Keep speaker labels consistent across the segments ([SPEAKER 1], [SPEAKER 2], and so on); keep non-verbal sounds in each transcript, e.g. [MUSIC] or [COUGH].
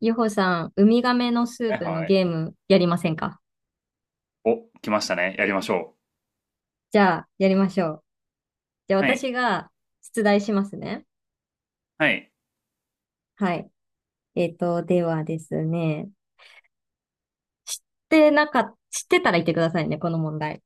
[SPEAKER 1] ゆほさん、ウミガメのス
[SPEAKER 2] は
[SPEAKER 1] ー
[SPEAKER 2] い
[SPEAKER 1] プの
[SPEAKER 2] はい。
[SPEAKER 1] ゲームやりませんか？
[SPEAKER 2] お、来ましたね。やりましょ
[SPEAKER 1] じゃあ、やりましょう。じゃあ、
[SPEAKER 2] う。はい。
[SPEAKER 1] 私が出題しますね。
[SPEAKER 2] はい。
[SPEAKER 1] はい。ではですね、知っ知ってたら言ってくださいね、この問題。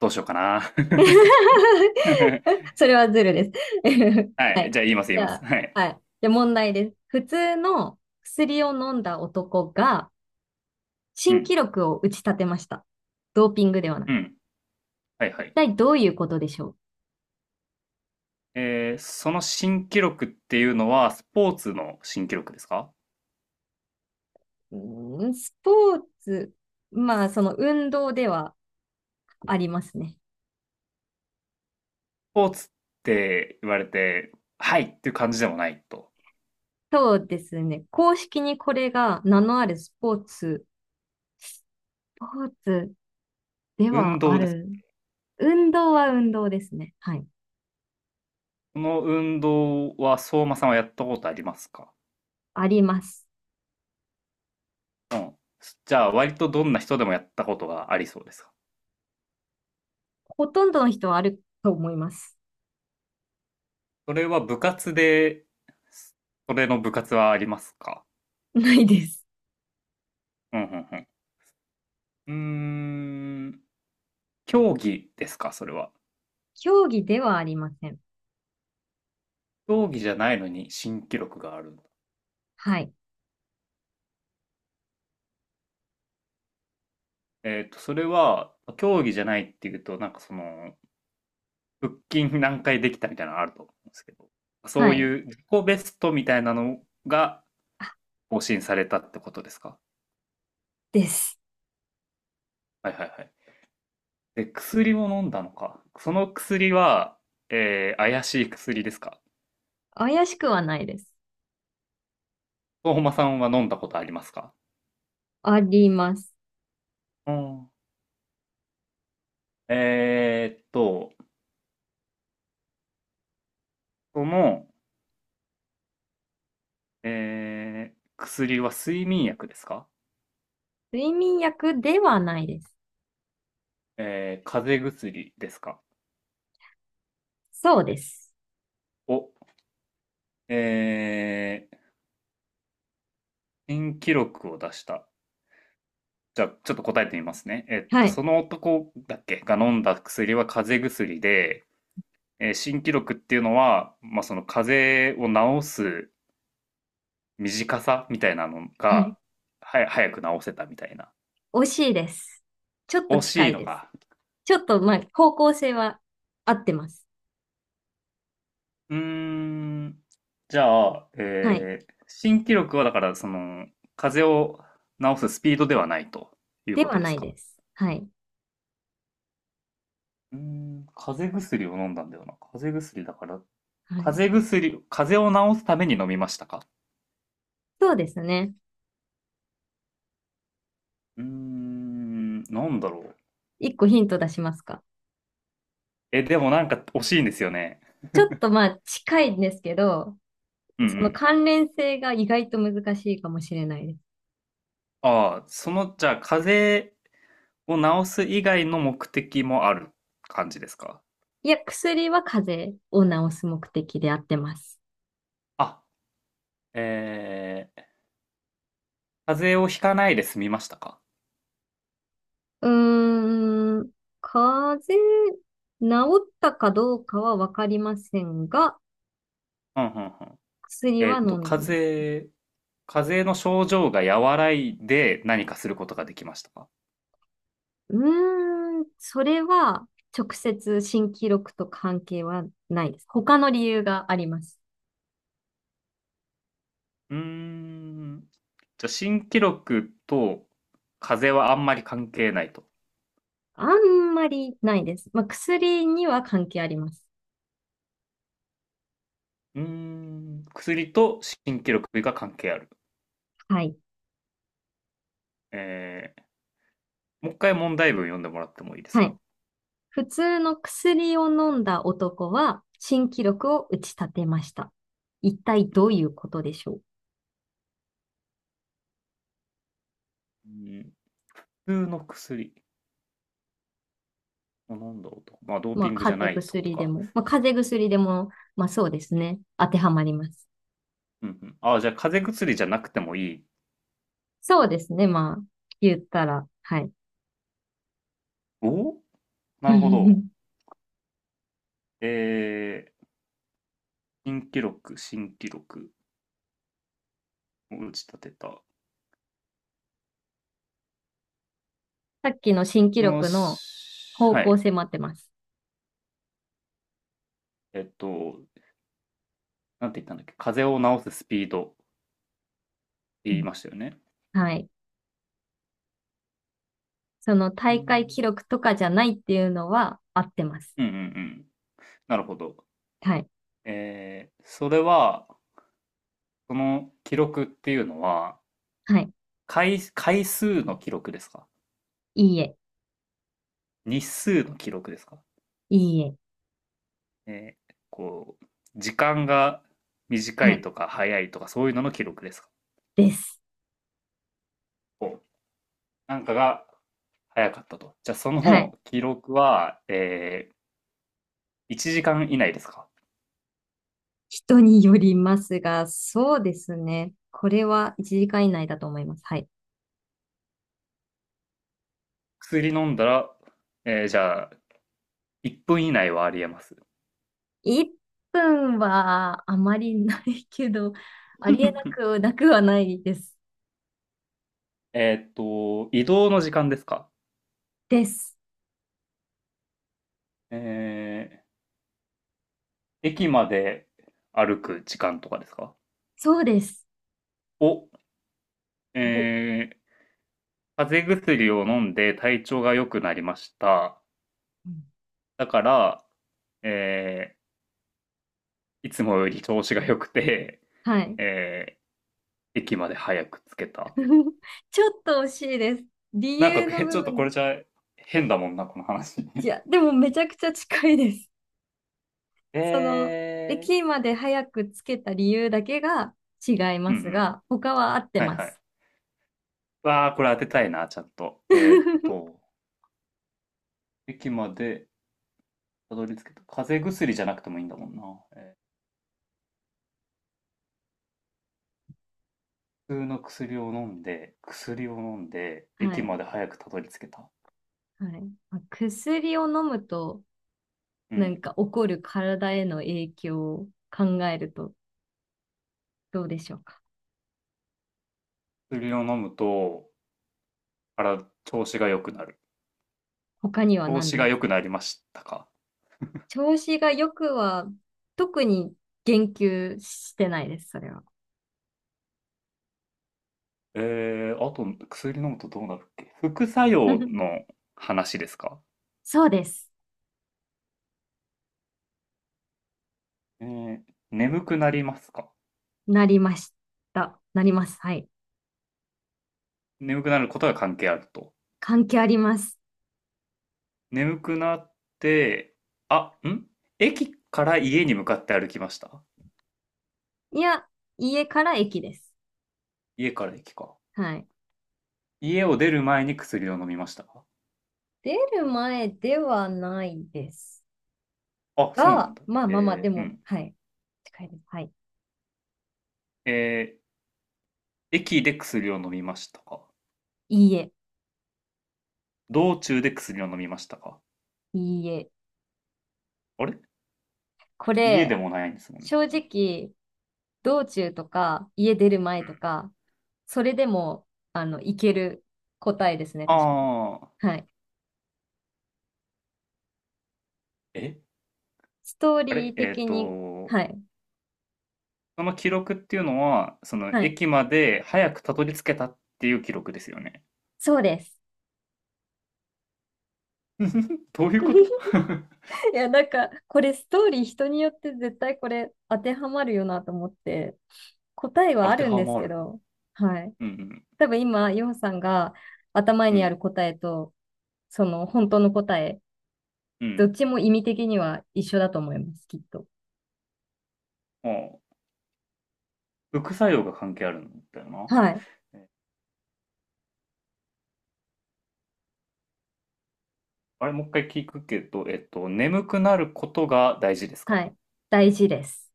[SPEAKER 2] どうしようかな。[LAUGHS]
[SPEAKER 1] [LAUGHS] それはズルです。[LAUGHS] は
[SPEAKER 2] はい。
[SPEAKER 1] い。
[SPEAKER 2] じゃあ言います言い
[SPEAKER 1] じ
[SPEAKER 2] ま
[SPEAKER 1] ゃ
[SPEAKER 2] す。
[SPEAKER 1] あ、
[SPEAKER 2] はい。
[SPEAKER 1] はい。じゃあ、問題です。普通の薬を飲んだ男が
[SPEAKER 2] う
[SPEAKER 1] 新記
[SPEAKER 2] ん。
[SPEAKER 1] 録を打ち立てました。ドーピングではな
[SPEAKER 2] う
[SPEAKER 1] く。
[SPEAKER 2] ん。はいは
[SPEAKER 1] 一
[SPEAKER 2] い。
[SPEAKER 1] 体どういうことでしょう？
[SPEAKER 2] その新記録っていうのは、スポーツの新記録ですか？
[SPEAKER 1] うん、スポーツ、まあ、その運動ではありますね。
[SPEAKER 2] スポーツって言われて、はいっていう感じでもないと。
[SPEAKER 1] そうですね。公式にこれが名のあるスポーツ、スポーツで
[SPEAKER 2] 運
[SPEAKER 1] はあ
[SPEAKER 2] 動です。
[SPEAKER 1] る。運動は運動ですね。はい。
[SPEAKER 2] この運動は、相馬さんはやったことありますか？
[SPEAKER 1] あります。
[SPEAKER 2] うん。じゃあ、割とどんな人でもやったことがありそうですか？
[SPEAKER 1] ほとんどの人はあると思います。
[SPEAKER 2] それは部活で、それの部活はありますか？
[SPEAKER 1] [LAUGHS] ないです。
[SPEAKER 2] うんうんうん。うーん、競技ですか、それは。
[SPEAKER 1] 競技ではありません。
[SPEAKER 2] 競技じゃないのに新記録があるんだ。
[SPEAKER 1] はい。
[SPEAKER 2] えっと、それは、競技じゃないっていうと、なんかその、腹筋何回できたみたいなのあると思うんですけど、そ
[SPEAKER 1] は
[SPEAKER 2] う
[SPEAKER 1] い。
[SPEAKER 2] いう自己ベストみたいなのが
[SPEAKER 1] あ、
[SPEAKER 2] 更新されたってことですか？
[SPEAKER 1] です。
[SPEAKER 2] はいはいはい。で、薬も飲んだのか。その薬は、怪しい薬ですか？
[SPEAKER 1] 怪しくはないです。
[SPEAKER 2] 相馬さんは飲んだことありますか？
[SPEAKER 1] あります。
[SPEAKER 2] うん。えーっと、その、薬は睡眠薬ですか？
[SPEAKER 1] 睡眠薬ではないです。
[SPEAKER 2] えー、風邪薬ですか？
[SPEAKER 1] そうです。
[SPEAKER 2] お、えー、新記録を出した。じゃあ、ちょっと答えてみますね。えっ
[SPEAKER 1] は
[SPEAKER 2] と、
[SPEAKER 1] い。
[SPEAKER 2] その男だっけが飲んだ薬は風邪薬で、えー新記録っていうのは、まあ、その風邪を治す短さみたいなの
[SPEAKER 1] はい。
[SPEAKER 2] が、早く治せたみたいな。
[SPEAKER 1] 惜しいです。ちょっと
[SPEAKER 2] 惜
[SPEAKER 1] 近
[SPEAKER 2] しい
[SPEAKER 1] い
[SPEAKER 2] の
[SPEAKER 1] です。
[SPEAKER 2] か。
[SPEAKER 1] ちょっと、まあ、方向性は合ってます。
[SPEAKER 2] うーん。じゃあ、
[SPEAKER 1] はい。
[SPEAKER 2] えー新記録はだから、その、風邪を治すスピードではないという
[SPEAKER 1] で
[SPEAKER 2] こ
[SPEAKER 1] は
[SPEAKER 2] とで
[SPEAKER 1] な
[SPEAKER 2] す
[SPEAKER 1] い
[SPEAKER 2] か。
[SPEAKER 1] です。はい。
[SPEAKER 2] うーん、風邪薬を飲んだんだよな。風邪薬だから、
[SPEAKER 1] はい。
[SPEAKER 2] 風邪を治すために飲みましたか？
[SPEAKER 1] そうですね。
[SPEAKER 2] うーん、なんだろう。
[SPEAKER 1] 一個ヒント出しますか？
[SPEAKER 2] え、でもなんか惜しいんですよね。
[SPEAKER 1] ちょっとまあ、近いんですけど、
[SPEAKER 2] うんう
[SPEAKER 1] その
[SPEAKER 2] ん。
[SPEAKER 1] 関連性が意外と難しいかもしれないです。
[SPEAKER 2] ああ、その、じゃあ、風邪を治す以外の目的もある感じですか？
[SPEAKER 1] いや、薬は風邪を治す目的であってます。
[SPEAKER 2] あ、えー、風邪をひかないで済みましたか？
[SPEAKER 1] うーん、風邪、治ったかどうかはわかりませんが、
[SPEAKER 2] うんうんうん。
[SPEAKER 1] 薬
[SPEAKER 2] え
[SPEAKER 1] は
[SPEAKER 2] ーっと、
[SPEAKER 1] 飲んでます。
[SPEAKER 2] 風邪の症状が和らいで何かすることができましたか？
[SPEAKER 1] それは直接新記録と関係はないです。他の理由があります。
[SPEAKER 2] うーん。じゃあ、新記録と風邪はあんまり関係ないと。
[SPEAKER 1] あんまりないです。まあ、薬には関係あります。
[SPEAKER 2] うーん。薬と新記録が関係ある。
[SPEAKER 1] はい。
[SPEAKER 2] えー、もう一回問題文読んでもらってもいいです
[SPEAKER 1] はい。
[SPEAKER 2] か？
[SPEAKER 1] 普通の薬を飲んだ男は新記録を打ち立てました。一体どういうことでしょ
[SPEAKER 2] うん。普通の薬。あなんだろうと。まあ、ドー
[SPEAKER 1] う？まあ、
[SPEAKER 2] ピングじゃ
[SPEAKER 1] 風邪
[SPEAKER 2] ないってこと
[SPEAKER 1] 薬で
[SPEAKER 2] か。
[SPEAKER 1] も、まあそうですね。当てはまります。
[SPEAKER 2] うんうん。あじゃあ、風邪薬じゃなくてもいい。
[SPEAKER 1] そうですね。まあ、言ったら、はい。
[SPEAKER 2] おおなるほど。
[SPEAKER 1] [LAUGHS]
[SPEAKER 2] えー、新記録を打ち立てた。
[SPEAKER 1] さっきの新記
[SPEAKER 2] も
[SPEAKER 1] 録の
[SPEAKER 2] し、
[SPEAKER 1] 方
[SPEAKER 2] は
[SPEAKER 1] 向
[SPEAKER 2] い。
[SPEAKER 1] 性も合ってます。
[SPEAKER 2] えっと、なんて言ったんだっけ、風邪を治すスピードって
[SPEAKER 1] う
[SPEAKER 2] 言い
[SPEAKER 1] ん。
[SPEAKER 2] ましたよね。
[SPEAKER 1] はい。その
[SPEAKER 2] う
[SPEAKER 1] 大会記
[SPEAKER 2] ん
[SPEAKER 1] 録とかじゃないっていうのは合ってます。
[SPEAKER 2] うんうんうん。なるほど。
[SPEAKER 1] はい。
[SPEAKER 2] えーそれは、その記録っていうのは、
[SPEAKER 1] はい。
[SPEAKER 2] 回数の記録ですか？
[SPEAKER 1] いいえ。
[SPEAKER 2] 日数の記録ですか？
[SPEAKER 1] いいえ。
[SPEAKER 2] えーこう、時間が短
[SPEAKER 1] は
[SPEAKER 2] い
[SPEAKER 1] い。
[SPEAKER 2] とか早いとかそういうのの記録ですか？
[SPEAKER 1] です。
[SPEAKER 2] こうなんかが早かったと。じゃあそ
[SPEAKER 1] はい。
[SPEAKER 2] の記録は、えー1時間以内ですか？
[SPEAKER 1] 人によりますが、そうですね。これは1時間以内だと思います。はい。
[SPEAKER 2] 薬飲んだら、えーじゃあ、1分以内はありえます。
[SPEAKER 1] 1分はあまりないけど、ありえな
[SPEAKER 2] [LAUGHS]
[SPEAKER 1] くなくはないです。
[SPEAKER 2] えーっと、移動の時間ですか？
[SPEAKER 1] です。
[SPEAKER 2] えー駅まで歩く時間とかですか？
[SPEAKER 1] そうです。
[SPEAKER 2] お、え
[SPEAKER 1] お、
[SPEAKER 2] ー風邪薬を飲んで体調が良くなりました。
[SPEAKER 1] うん。
[SPEAKER 2] だから、えーいつもより調子が良くて、
[SPEAKER 1] はい。
[SPEAKER 2] えー駅まで早く着けた。
[SPEAKER 1] [LAUGHS] ちょっと惜しいです。理
[SPEAKER 2] なんか、
[SPEAKER 1] 由の
[SPEAKER 2] え
[SPEAKER 1] 部
[SPEAKER 2] ちょっと
[SPEAKER 1] 分
[SPEAKER 2] こ
[SPEAKER 1] が。
[SPEAKER 2] れじゃ変だもんな、この話。
[SPEAKER 1] いや、でもめちゃくちゃ近いです。
[SPEAKER 2] [LAUGHS]
[SPEAKER 1] その、
[SPEAKER 2] えー、
[SPEAKER 1] 駅まで早くつけた理由だけが違い
[SPEAKER 2] う
[SPEAKER 1] ま
[SPEAKER 2] んう
[SPEAKER 1] す
[SPEAKER 2] ん。
[SPEAKER 1] が、他は合って
[SPEAKER 2] はい
[SPEAKER 1] ま
[SPEAKER 2] はい。
[SPEAKER 1] す。
[SPEAKER 2] わあ、これ当てたいな、ちゃんと。えーっ
[SPEAKER 1] [LAUGHS]
[SPEAKER 2] と、駅までたどり着けた。風邪薬じゃなくてもいいんだもんな。えー普通の薬を飲んで、
[SPEAKER 1] は
[SPEAKER 2] 駅
[SPEAKER 1] い。
[SPEAKER 2] まで早くたどり着けた。
[SPEAKER 1] はい。まあ薬を飲むと、
[SPEAKER 2] う
[SPEAKER 1] なん
[SPEAKER 2] ん。
[SPEAKER 1] か起こる体への影響を考えるとどうでしょうか。
[SPEAKER 2] 薬を飲むと、から調子が良くなる。
[SPEAKER 1] 他には
[SPEAKER 2] 調
[SPEAKER 1] 何
[SPEAKER 2] 子が
[SPEAKER 1] です
[SPEAKER 2] 良く
[SPEAKER 1] か？
[SPEAKER 2] なりましたか。
[SPEAKER 1] 調子が良くは、特に言及してないです、それは。
[SPEAKER 2] えー、あと、薬飲むとどうなるっけ副作用
[SPEAKER 1] [LAUGHS]
[SPEAKER 2] の話ですか？
[SPEAKER 1] そうです。
[SPEAKER 2] えー、眠くなりますか？
[SPEAKER 1] なりました。なります。はい。
[SPEAKER 2] 眠くなることが関係あると。
[SPEAKER 1] 関係あります。
[SPEAKER 2] 眠くなって、あ、ん駅から家に向かって歩きました。
[SPEAKER 1] いや、家から駅です。
[SPEAKER 2] 家から駅か。
[SPEAKER 1] はい。
[SPEAKER 2] 家を出る前に薬を飲みましたか？
[SPEAKER 1] 出る前ではないです
[SPEAKER 2] あ、そうなん
[SPEAKER 1] が、
[SPEAKER 2] だ。
[SPEAKER 1] で
[SPEAKER 2] えー、う
[SPEAKER 1] も、
[SPEAKER 2] ん。
[SPEAKER 1] はい。近いです。はい。
[SPEAKER 2] えー、駅で薬を飲みましたか？
[SPEAKER 1] いいえ、
[SPEAKER 2] 道中で薬を飲みましたか？
[SPEAKER 1] いいえ。
[SPEAKER 2] あれ
[SPEAKER 1] こ
[SPEAKER 2] 家
[SPEAKER 1] れ、
[SPEAKER 2] でもないんですもん
[SPEAKER 1] 正
[SPEAKER 2] ね。うん。う
[SPEAKER 1] 直、道中とか、家出る前
[SPEAKER 2] ん、
[SPEAKER 1] とか、それでも、あの、いける答えですね、確かに。
[SPEAKER 2] ああ、
[SPEAKER 1] はい。
[SPEAKER 2] え
[SPEAKER 1] ストー
[SPEAKER 2] あ
[SPEAKER 1] リ
[SPEAKER 2] れ
[SPEAKER 1] ー
[SPEAKER 2] えっー
[SPEAKER 1] 的に、は
[SPEAKER 2] と、
[SPEAKER 1] い。
[SPEAKER 2] その記録っていうのは、その
[SPEAKER 1] はい。
[SPEAKER 2] 駅まで早くたどり着けたっていう記録ですよね。
[SPEAKER 1] そうです。
[SPEAKER 2] [LAUGHS] どういうこと
[SPEAKER 1] [LAUGHS]
[SPEAKER 2] [LAUGHS]
[SPEAKER 1] いや、なんか、これストーリー人によって絶対これ当てはまるよなと思って、答えは
[SPEAKER 2] 当
[SPEAKER 1] あ
[SPEAKER 2] て
[SPEAKER 1] るん
[SPEAKER 2] は
[SPEAKER 1] です
[SPEAKER 2] ま
[SPEAKER 1] け
[SPEAKER 2] る。
[SPEAKER 1] ど、はい。
[SPEAKER 2] うん
[SPEAKER 1] 多分今、ヨウさんが頭
[SPEAKER 2] うん。う
[SPEAKER 1] にある
[SPEAKER 2] ん。
[SPEAKER 1] 答えと、その本当の答え、
[SPEAKER 2] う
[SPEAKER 1] どっ
[SPEAKER 2] ん。
[SPEAKER 1] ちも意味的には一緒だと思います、きっと。
[SPEAKER 2] ああ。副作用が関係あるんだよな。
[SPEAKER 1] はい。
[SPEAKER 2] えあれ、もう一回聞くけど、えっと、眠くなることが大事です
[SPEAKER 1] は
[SPEAKER 2] か？
[SPEAKER 1] い。大事です。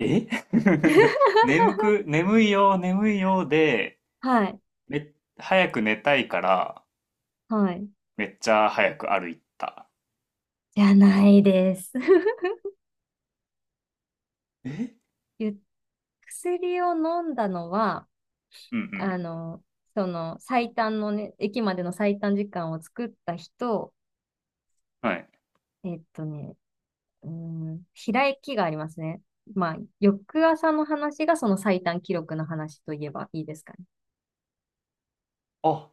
[SPEAKER 2] え [LAUGHS]
[SPEAKER 1] [LAUGHS]
[SPEAKER 2] 眠く、眠いよで、
[SPEAKER 1] はい。
[SPEAKER 2] め、早く寝たいから、
[SPEAKER 1] はい。
[SPEAKER 2] めっちゃ早く歩いた。
[SPEAKER 1] じゃないです。[LAUGHS]
[SPEAKER 2] え
[SPEAKER 1] ゆ薬を飲んだのは、
[SPEAKER 2] うんう
[SPEAKER 1] あの、その最短のね、駅までの最短時間を作った人、
[SPEAKER 2] ん。はい。
[SPEAKER 1] えっとね、うーん、開きがありますね。まあ、翌朝の話がその最短記録の話といえばいいですかね。
[SPEAKER 2] あ、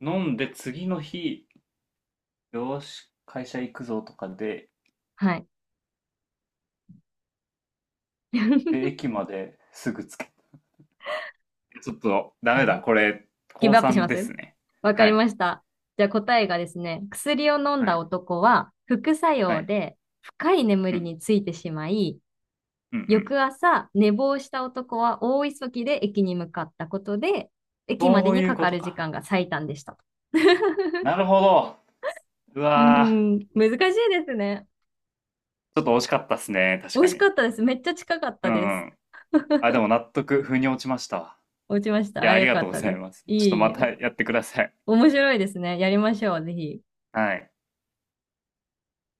[SPEAKER 2] 飲んで次の日、よーし、会社行くぞとかで、
[SPEAKER 1] はい。
[SPEAKER 2] で、
[SPEAKER 1] [LAUGHS]
[SPEAKER 2] 駅まですぐつけ。ちょっと、ダメだ。これ、高
[SPEAKER 1] ギブアップし
[SPEAKER 2] 3
[SPEAKER 1] ま
[SPEAKER 2] で
[SPEAKER 1] す。
[SPEAKER 2] すね。
[SPEAKER 1] わか
[SPEAKER 2] は
[SPEAKER 1] り
[SPEAKER 2] い。
[SPEAKER 1] ました。じゃあ答えがですね、薬を飲ん
[SPEAKER 2] は
[SPEAKER 1] だ
[SPEAKER 2] い
[SPEAKER 1] 男は副作
[SPEAKER 2] は
[SPEAKER 1] 用
[SPEAKER 2] い。
[SPEAKER 1] で深い眠
[SPEAKER 2] う
[SPEAKER 1] り
[SPEAKER 2] ん。
[SPEAKER 1] についてしまい、
[SPEAKER 2] うんうん。
[SPEAKER 1] 翌朝寝坊した男は大急ぎで駅に向かったことで、駅まで
[SPEAKER 2] そう
[SPEAKER 1] に
[SPEAKER 2] いう
[SPEAKER 1] か
[SPEAKER 2] こ
[SPEAKER 1] か
[SPEAKER 2] と
[SPEAKER 1] る時
[SPEAKER 2] か。
[SPEAKER 1] 間が最短でした。[LAUGHS]
[SPEAKER 2] なるほど。う
[SPEAKER 1] うー
[SPEAKER 2] わー、
[SPEAKER 1] ん、難しいですね。
[SPEAKER 2] ちょっと惜しかったっすね、
[SPEAKER 1] 美
[SPEAKER 2] 確
[SPEAKER 1] 味
[SPEAKER 2] か
[SPEAKER 1] しか
[SPEAKER 2] に。
[SPEAKER 1] ったです。めっちゃ近かっ
[SPEAKER 2] う
[SPEAKER 1] たで
[SPEAKER 2] ん
[SPEAKER 1] す。
[SPEAKER 2] うん。あ、でも納得、腑に落ちましたわ。
[SPEAKER 1] 落ちまし
[SPEAKER 2] い
[SPEAKER 1] た。
[SPEAKER 2] や、
[SPEAKER 1] あ、
[SPEAKER 2] あり
[SPEAKER 1] よ
[SPEAKER 2] が
[SPEAKER 1] か
[SPEAKER 2] とう
[SPEAKER 1] っ
[SPEAKER 2] ご
[SPEAKER 1] た
[SPEAKER 2] ざい
[SPEAKER 1] です。
[SPEAKER 2] ます。
[SPEAKER 1] い
[SPEAKER 2] ちょっ
[SPEAKER 1] え
[SPEAKER 2] と
[SPEAKER 1] い
[SPEAKER 2] ま
[SPEAKER 1] え、
[SPEAKER 2] た
[SPEAKER 1] お
[SPEAKER 2] やってください。
[SPEAKER 1] 面白いですね。やりましょう、ぜひ。
[SPEAKER 2] はい。